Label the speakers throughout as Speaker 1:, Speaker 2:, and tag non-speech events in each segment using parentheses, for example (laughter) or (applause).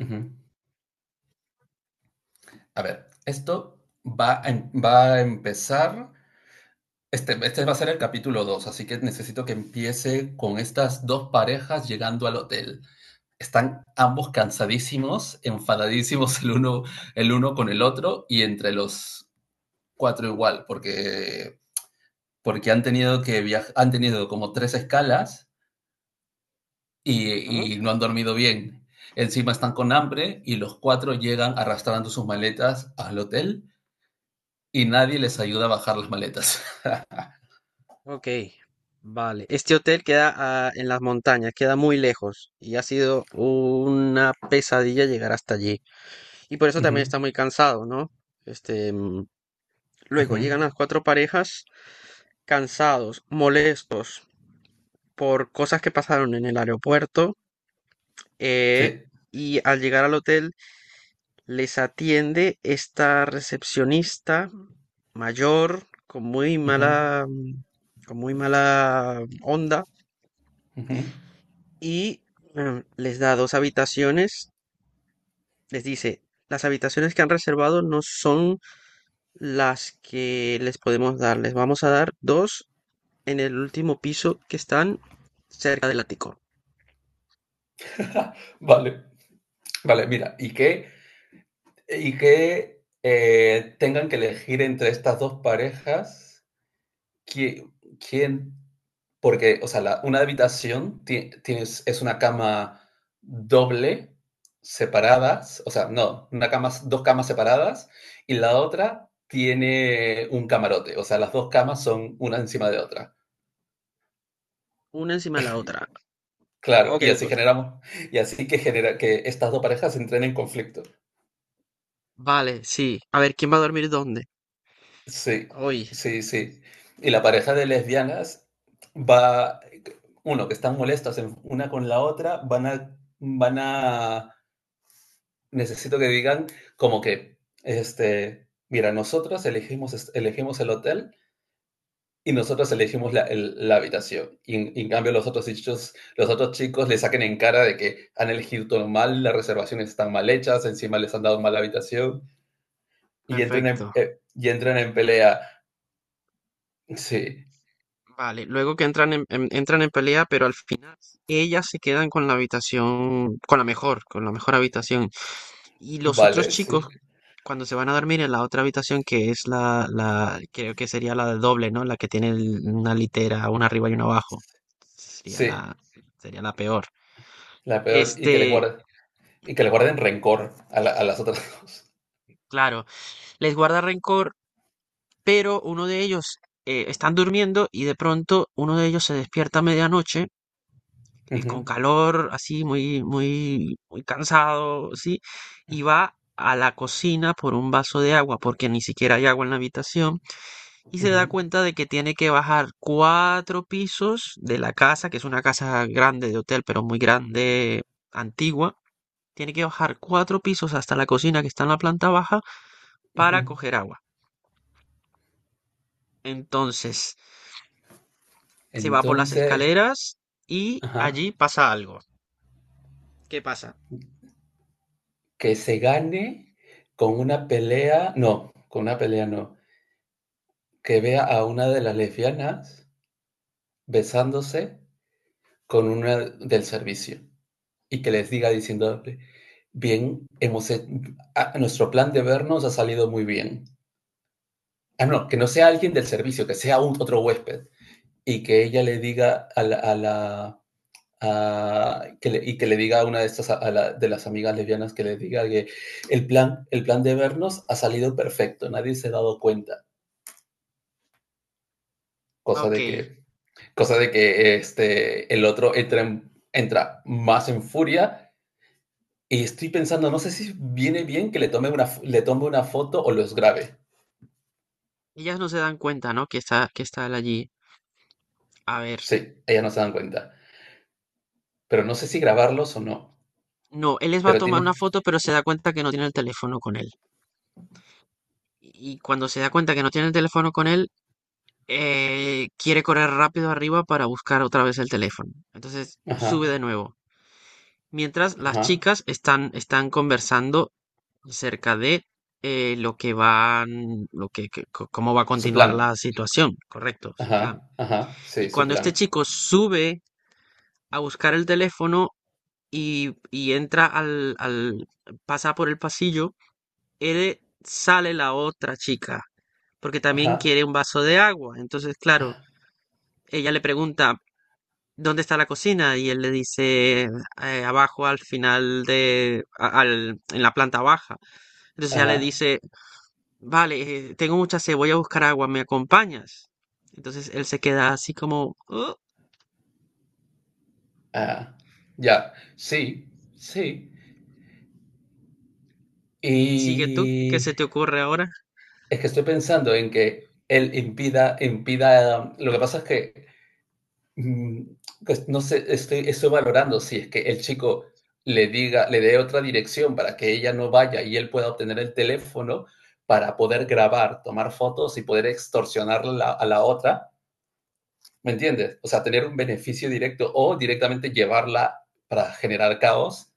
Speaker 1: Ujú. A ver, esto va a empezar, este va a ser el capítulo 2, así que necesito que empiece con estas dos parejas llegando al hotel. Están ambos cansadísimos, enfadadísimos el uno con el otro y entre los cuatro igual, porque han tenido que viajar, han tenido como tres escalas y,
Speaker 2: Ah,
Speaker 1: y no han dormido bien. Encima están con hambre y los cuatro llegan arrastrando sus maletas al hotel y nadie les ayuda a bajar las maletas. (laughs)
Speaker 2: ok, vale. Este hotel queda en las montañas, queda muy lejos y ha sido una pesadilla llegar hasta allí. Y por eso también
Speaker 1: Ujú,
Speaker 2: está muy cansado, ¿no? Este, mm, Luego
Speaker 1: ujú.
Speaker 2: llegan las cuatro parejas cansados, molestos por cosas que pasaron en el aeropuerto,
Speaker 1: Sí.
Speaker 2: eh, y al llegar al hotel les atiende esta recepcionista mayor con muy
Speaker 1: Ujú,
Speaker 2: mala, con muy mala onda,
Speaker 1: ujú.
Speaker 2: y les da dos habitaciones. Les dice, las habitaciones que han reservado no son las que les podemos dar. Les vamos a dar dos en el último piso que están cerca del ático.
Speaker 1: Vale, vale, mira, y que tengan que elegir entre estas dos parejas qui- quién, porque, o sea, tienes, es una cama doble, separadas, o sea, no, una cama, dos camas separadas, y la otra tiene un camarote, o sea, las dos camas son una encima de otra.
Speaker 2: Una encima de la otra.
Speaker 1: Claro,
Speaker 2: Ok,
Speaker 1: y
Speaker 2: ok.
Speaker 1: así generamos, y así que genera que estas dos parejas entren en conflicto.
Speaker 2: Vale, sí. A ver, ¿quién va a dormir dónde?
Speaker 1: Sí,
Speaker 2: Hoy.
Speaker 1: sí, sí. Y la pareja de lesbianas va, uno, que están molestas una con la otra, necesito que digan como que, este, mira, elegimos el hotel. Y nosotros elegimos la habitación. Y en cambio los otros chicos le saquen en cara de que han elegido todo mal, las reservaciones están mal hechas, encima les han dado mal la habitación y
Speaker 2: Perfecto.
Speaker 1: y entran en pelea. Sí,
Speaker 2: Vale. Luego que entran entran en pelea, pero al final ellas se quedan con la habitación, con la mejor habitación. Y los otros
Speaker 1: vale,
Speaker 2: chicos
Speaker 1: sí.
Speaker 2: cuando se van a dormir en la otra habitación, que es creo que sería la doble, ¿no? La que tiene una litera, una arriba y una abajo. Sería
Speaker 1: Sí,
Speaker 2: la, sería la peor.
Speaker 1: la peor. Y que les,
Speaker 2: Este,
Speaker 1: guarden y que les guarden rencor a, a las otras (laughs) dos.
Speaker 2: claro, les guarda rencor, pero uno de ellos, están durmiendo y de pronto uno de ellos se despierta a medianoche,
Speaker 1: Ujú,
Speaker 2: con calor, así, muy, muy, muy cansado, sí, y va a la cocina por un vaso de agua, porque ni siquiera hay agua en la habitación y se
Speaker 1: ujú,
Speaker 2: da cuenta de que tiene que bajar cuatro pisos de la casa, que es una casa grande de hotel, pero muy grande, antigua. Tiene que bajar cuatro pisos hasta la cocina que está en la planta baja para
Speaker 1: ujú.
Speaker 2: coger agua. Entonces, se va por las
Speaker 1: Entonces,
Speaker 2: escaleras y
Speaker 1: ajá,
Speaker 2: allí pasa algo. ¿Qué pasa?
Speaker 1: que se gane con una pelea, no, con una pelea no, que vea a una de las lesbianas besándose con una del servicio y que les diga diciéndole, bien, nuestro plan de vernos ha salido muy bien. Ah, no, que no sea alguien del servicio, que sea otro huésped y que ella le diga a la... a la- a- que le- y que le diga a una de estas, de las amigas lesbianas, que le diga que el plan de vernos ha salido perfecto, nadie se ha dado cuenta,
Speaker 2: Ah,
Speaker 1: cosa
Speaker 2: ok,
Speaker 1: de que cosa de que este, el otro entra, en- entra más en furia y estoy pensando, no sé si viene bien que le tome una foto o los grabe.
Speaker 2: ellas no se dan cuenta, ¿no? Que que está él allí. A ver,
Speaker 1: Sí, ellas no se dan cuenta. Pero no sé si grabarlos o no.
Speaker 2: no, él les va a
Speaker 1: Pero
Speaker 2: tomar una
Speaker 1: tiene...
Speaker 2: foto, pero se da cuenta que no tiene el teléfono con él. Y cuando se da cuenta que no tiene el teléfono con él, quiere correr rápido arriba para buscar otra vez el teléfono. Entonces
Speaker 1: Ajá,
Speaker 2: sube de nuevo. Mientras las
Speaker 1: ajá.
Speaker 2: chicas están conversando acerca de, lo que van, lo que- co- cómo va a
Speaker 1: Su
Speaker 2: continuar la
Speaker 1: plan.
Speaker 2: situación, correcto, su plan.
Speaker 1: Ajá, ajá. Sí,
Speaker 2: Y
Speaker 1: su
Speaker 2: cuando este
Speaker 1: plan.
Speaker 2: chico sube a buscar el teléfono y entra pasa por el pasillo, él sale la otra chica, porque
Speaker 1: Ajá,
Speaker 2: también quiere un vaso de agua. Entonces, claro, ella le pregunta, ¿dónde está la cocina? Y él le dice, abajo al final en la planta baja." Entonces ella le
Speaker 1: ajá.
Speaker 2: dice, vale, tengo mucha sed, voy a buscar agua, ¿me acompañas? Entonces él se queda así como, "Oh,
Speaker 1: Ah, ya. Sí, sí.
Speaker 2: sigue tú, ¿qué se
Speaker 1: Y...
Speaker 2: te ocurre ahora?"
Speaker 1: Es que estoy pensando en que lo que pasa es que... Mm, pues no sé, estoy valorando si es que el chico le dé otra dirección para que ella no vaya y él pueda obtener el teléfono para poder grabar, tomar fotos y poder extorsionar a la otra. ¿Me entiendes? O sea, tener un beneficio directo o directamente llevarla para generar caos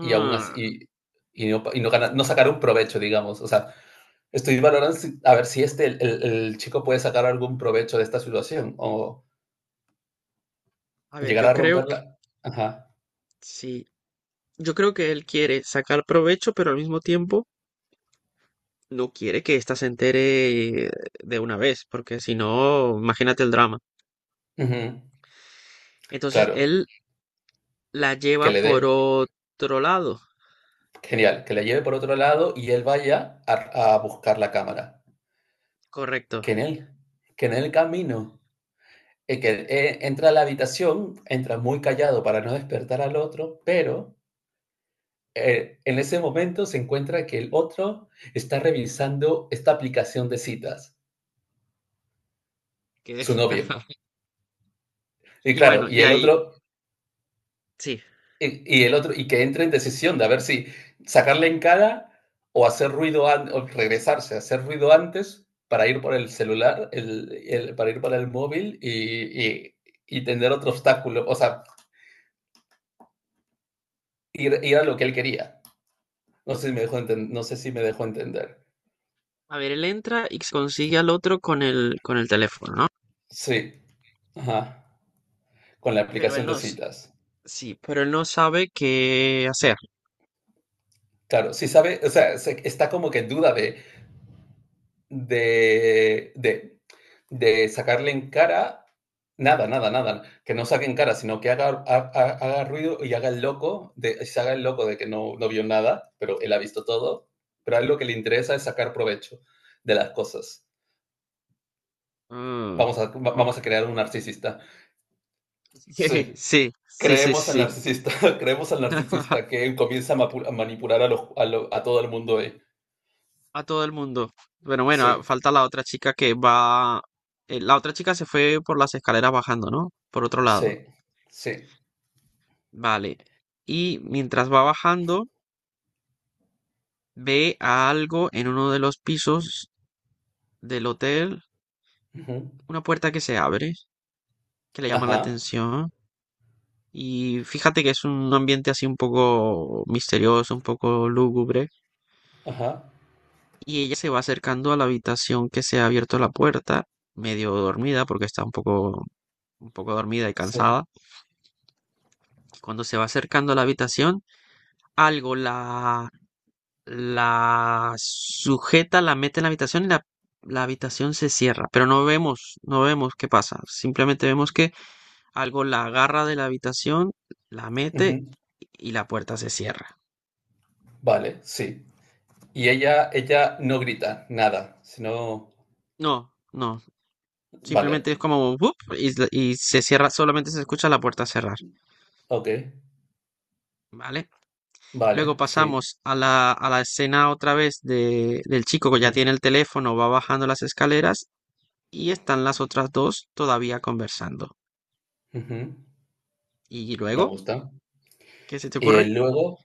Speaker 1: y aún así, y no no sacar un provecho, digamos. O sea, estoy valorando a ver si este, el chico puede sacar algún provecho de esta situación o
Speaker 2: a ver,
Speaker 1: llegar
Speaker 2: yo
Speaker 1: a
Speaker 2: creo que
Speaker 1: romperla. Ajá.
Speaker 2: sí, yo creo que él quiere sacar provecho, pero al mismo tiempo no quiere que ésta se entere, de una vez, porque si no, imagínate el drama.
Speaker 1: Ujú,
Speaker 2: Entonces
Speaker 1: claro,
Speaker 2: él la
Speaker 1: que
Speaker 2: lleva
Speaker 1: le
Speaker 2: por
Speaker 1: dé,
Speaker 2: otro lado.
Speaker 1: genial, que le lleve por otro lado y él vaya a buscar la cámara.
Speaker 2: Correcto.
Speaker 1: Que en el, que en el camino, que entra a la habitación, entra muy callado para no despertar al otro, pero en ese momento se encuentra que el otro está revisando esta aplicación de citas,
Speaker 2: Que...
Speaker 1: su novio.
Speaker 2: (laughs)
Speaker 1: Y
Speaker 2: Y
Speaker 1: claro,
Speaker 2: bueno,
Speaker 1: y
Speaker 2: y
Speaker 1: el
Speaker 2: ahí,
Speaker 1: otro...
Speaker 2: sí.
Speaker 1: Y que entre en decisión de a ver si sacarle en cara o hacer ruido, o regresarse, hacer ruido antes para ir por el celular, para ir para el móvil y tener otro obstáculo, o sea, ir a lo que él quería. No sé si no sé si me dejó entender.
Speaker 2: A ver, él entra y consigue al otro con con el teléfono, ¿no?
Speaker 1: Sí, ajá, con la
Speaker 2: Pero
Speaker 1: aplicación
Speaker 2: él
Speaker 1: de
Speaker 2: no, s-
Speaker 1: citas.
Speaker 2: sí, pero él no sabe qué hacer.
Speaker 1: Claro, sí sabe, o sea, está como que en duda de, de, de, de sacarle en cara nada, nada, nada, que no saque en cara, sino que haga ruido y haga el loco, de, se haga el loco de que no, no vio nada, pero él ha visto todo, pero a él lo que le interesa es sacar provecho de las cosas.
Speaker 2: Mm,
Speaker 1: Vamos a,
Speaker 2: ok.
Speaker 1: vamos a
Speaker 2: (laughs)
Speaker 1: crear un narcisista.
Speaker 2: Sí,
Speaker 1: Sí,
Speaker 2: sí, sí, sí,
Speaker 1: creemos al
Speaker 2: sí.
Speaker 1: narcisista, (laughs) creemos al narcisista que
Speaker 2: (laughs)
Speaker 1: él comienza a, a manipular a, los, a, lo- a todo el mundo ahí.
Speaker 2: A todo el mundo. Bueno, bueno, ah,
Speaker 1: Sí,
Speaker 2: falta la otra chica que va. Eh, la otra chica se fue por las escaleras bajando, ¿no? Por otro
Speaker 1: sí,
Speaker 2: lado.
Speaker 1: sí.
Speaker 2: Vale. Y mientras va bajando, ve a algo en uno de los pisos del hotel,
Speaker 1: Ujú.
Speaker 2: una puerta que se abre, que le llama la
Speaker 1: Ajá,
Speaker 2: atención. Y fíjate que es un ambiente así un poco misterioso, un poco lúgubre.
Speaker 1: ajá.
Speaker 2: Y ella se va acercando a la habitación que se ha abierto la puerta, medio dormida, porque está un poco dormida y
Speaker 1: Sí.
Speaker 2: cansada. Y cuando se va acercando a la habitación, algo la sujeta, la mete en la habitación y la habitación se cierra. Pero no vemos, no vemos qué pasa. Simplemente vemos que algo la agarra de la habitación, la mete
Speaker 1: Ujú.
Speaker 2: y la puerta se cierra.
Speaker 1: Vale, sí. Y ella no grita nada, sino...
Speaker 2: No, no.
Speaker 1: Vale,
Speaker 2: Simplemente es como ¡bup! Y se cierra, solamente se escucha la puerta cerrar.
Speaker 1: ok,
Speaker 2: ¿Vale? Luego
Speaker 1: vale, sí.
Speaker 2: pasamos a a la escena otra vez de, del chico que ya
Speaker 1: Ujú,
Speaker 2: tiene el teléfono, va bajando las escaleras y están las otras dos todavía conversando.
Speaker 1: ujú.
Speaker 2: ¿Y
Speaker 1: Me
Speaker 2: luego?
Speaker 1: gusta.
Speaker 2: ¿Qué se te
Speaker 1: Y
Speaker 2: ocurre?
Speaker 1: él luego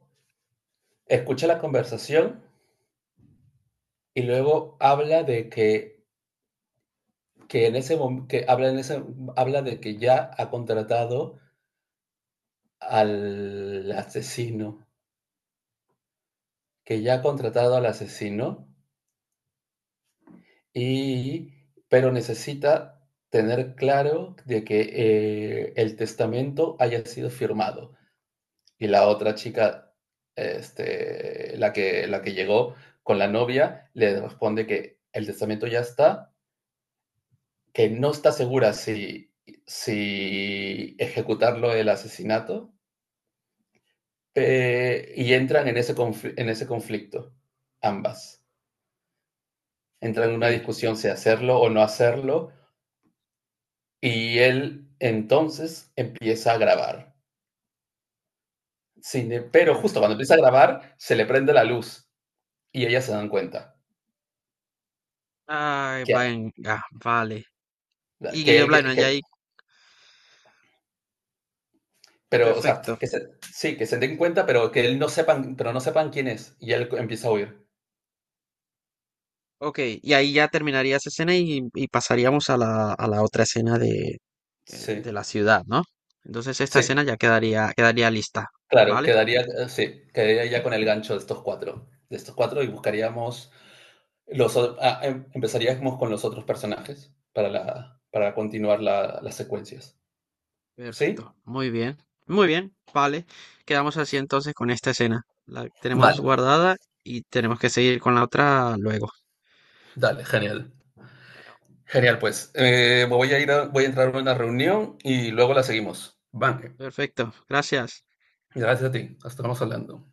Speaker 1: escucha la conversación y luego habla de que en ese mom- que habla en ese, habla de que ya ha contratado al asesino, que ya ha contratado al asesino, Y pero necesita tener claro de que, el testamento haya sido firmado. Y la otra chica, este, la que llegó con la novia, le responde que el testamento ya está, que no está segura si ejecutarlo el asesinato, y entran en ese conflicto ambas. Entran en
Speaker 2: Ok,
Speaker 1: una discusión si hacerlo o no hacerlo. Y él entonces empieza a grabar. Sin, em- Pero justo
Speaker 2: perfecto.
Speaker 1: cuando empieza a grabar, se le prende la luz y ellas se dan cuenta
Speaker 2: Ay,
Speaker 1: que,
Speaker 2: venga, vale. Y
Speaker 1: que
Speaker 2: Guillermo Blano,
Speaker 1: él,
Speaker 2: ya
Speaker 1: que,
Speaker 2: ahí,
Speaker 1: pero, o sea,
Speaker 2: perfecto.
Speaker 1: que se, sí, que se den cuenta, pero que él no sepan, pero no sepan quién es. Y él empieza a huir.
Speaker 2: Ok, y ahí ya terminaría esa escena y pasaríamos a a la otra escena de
Speaker 1: Sí,
Speaker 2: la ciudad, ¿no? Entonces esta
Speaker 1: sí,
Speaker 2: escena ya quedaría, quedaría lista,
Speaker 1: claro,
Speaker 2: ¿vale?
Speaker 1: quedaría, sí, quedaría ya con el gancho de estos cuatro y buscaríamos los, o- ah, em- empezaríamos con los otros personajes para la, para continuar las secuencias. ¿Sí?
Speaker 2: Perfecto, muy bien, vale. Quedamos así entonces con esta escena. La tenemos
Speaker 1: Vale.
Speaker 2: guardada y tenemos que seguir con la otra luego.
Speaker 1: Dale, genial.
Speaker 2: Bueno,
Speaker 1: Genial, pues. Voy a entrar a una reunión y luego la seguimos. Van,
Speaker 2: perfecto, gracias.
Speaker 1: gracias a ti. Estamos hablando.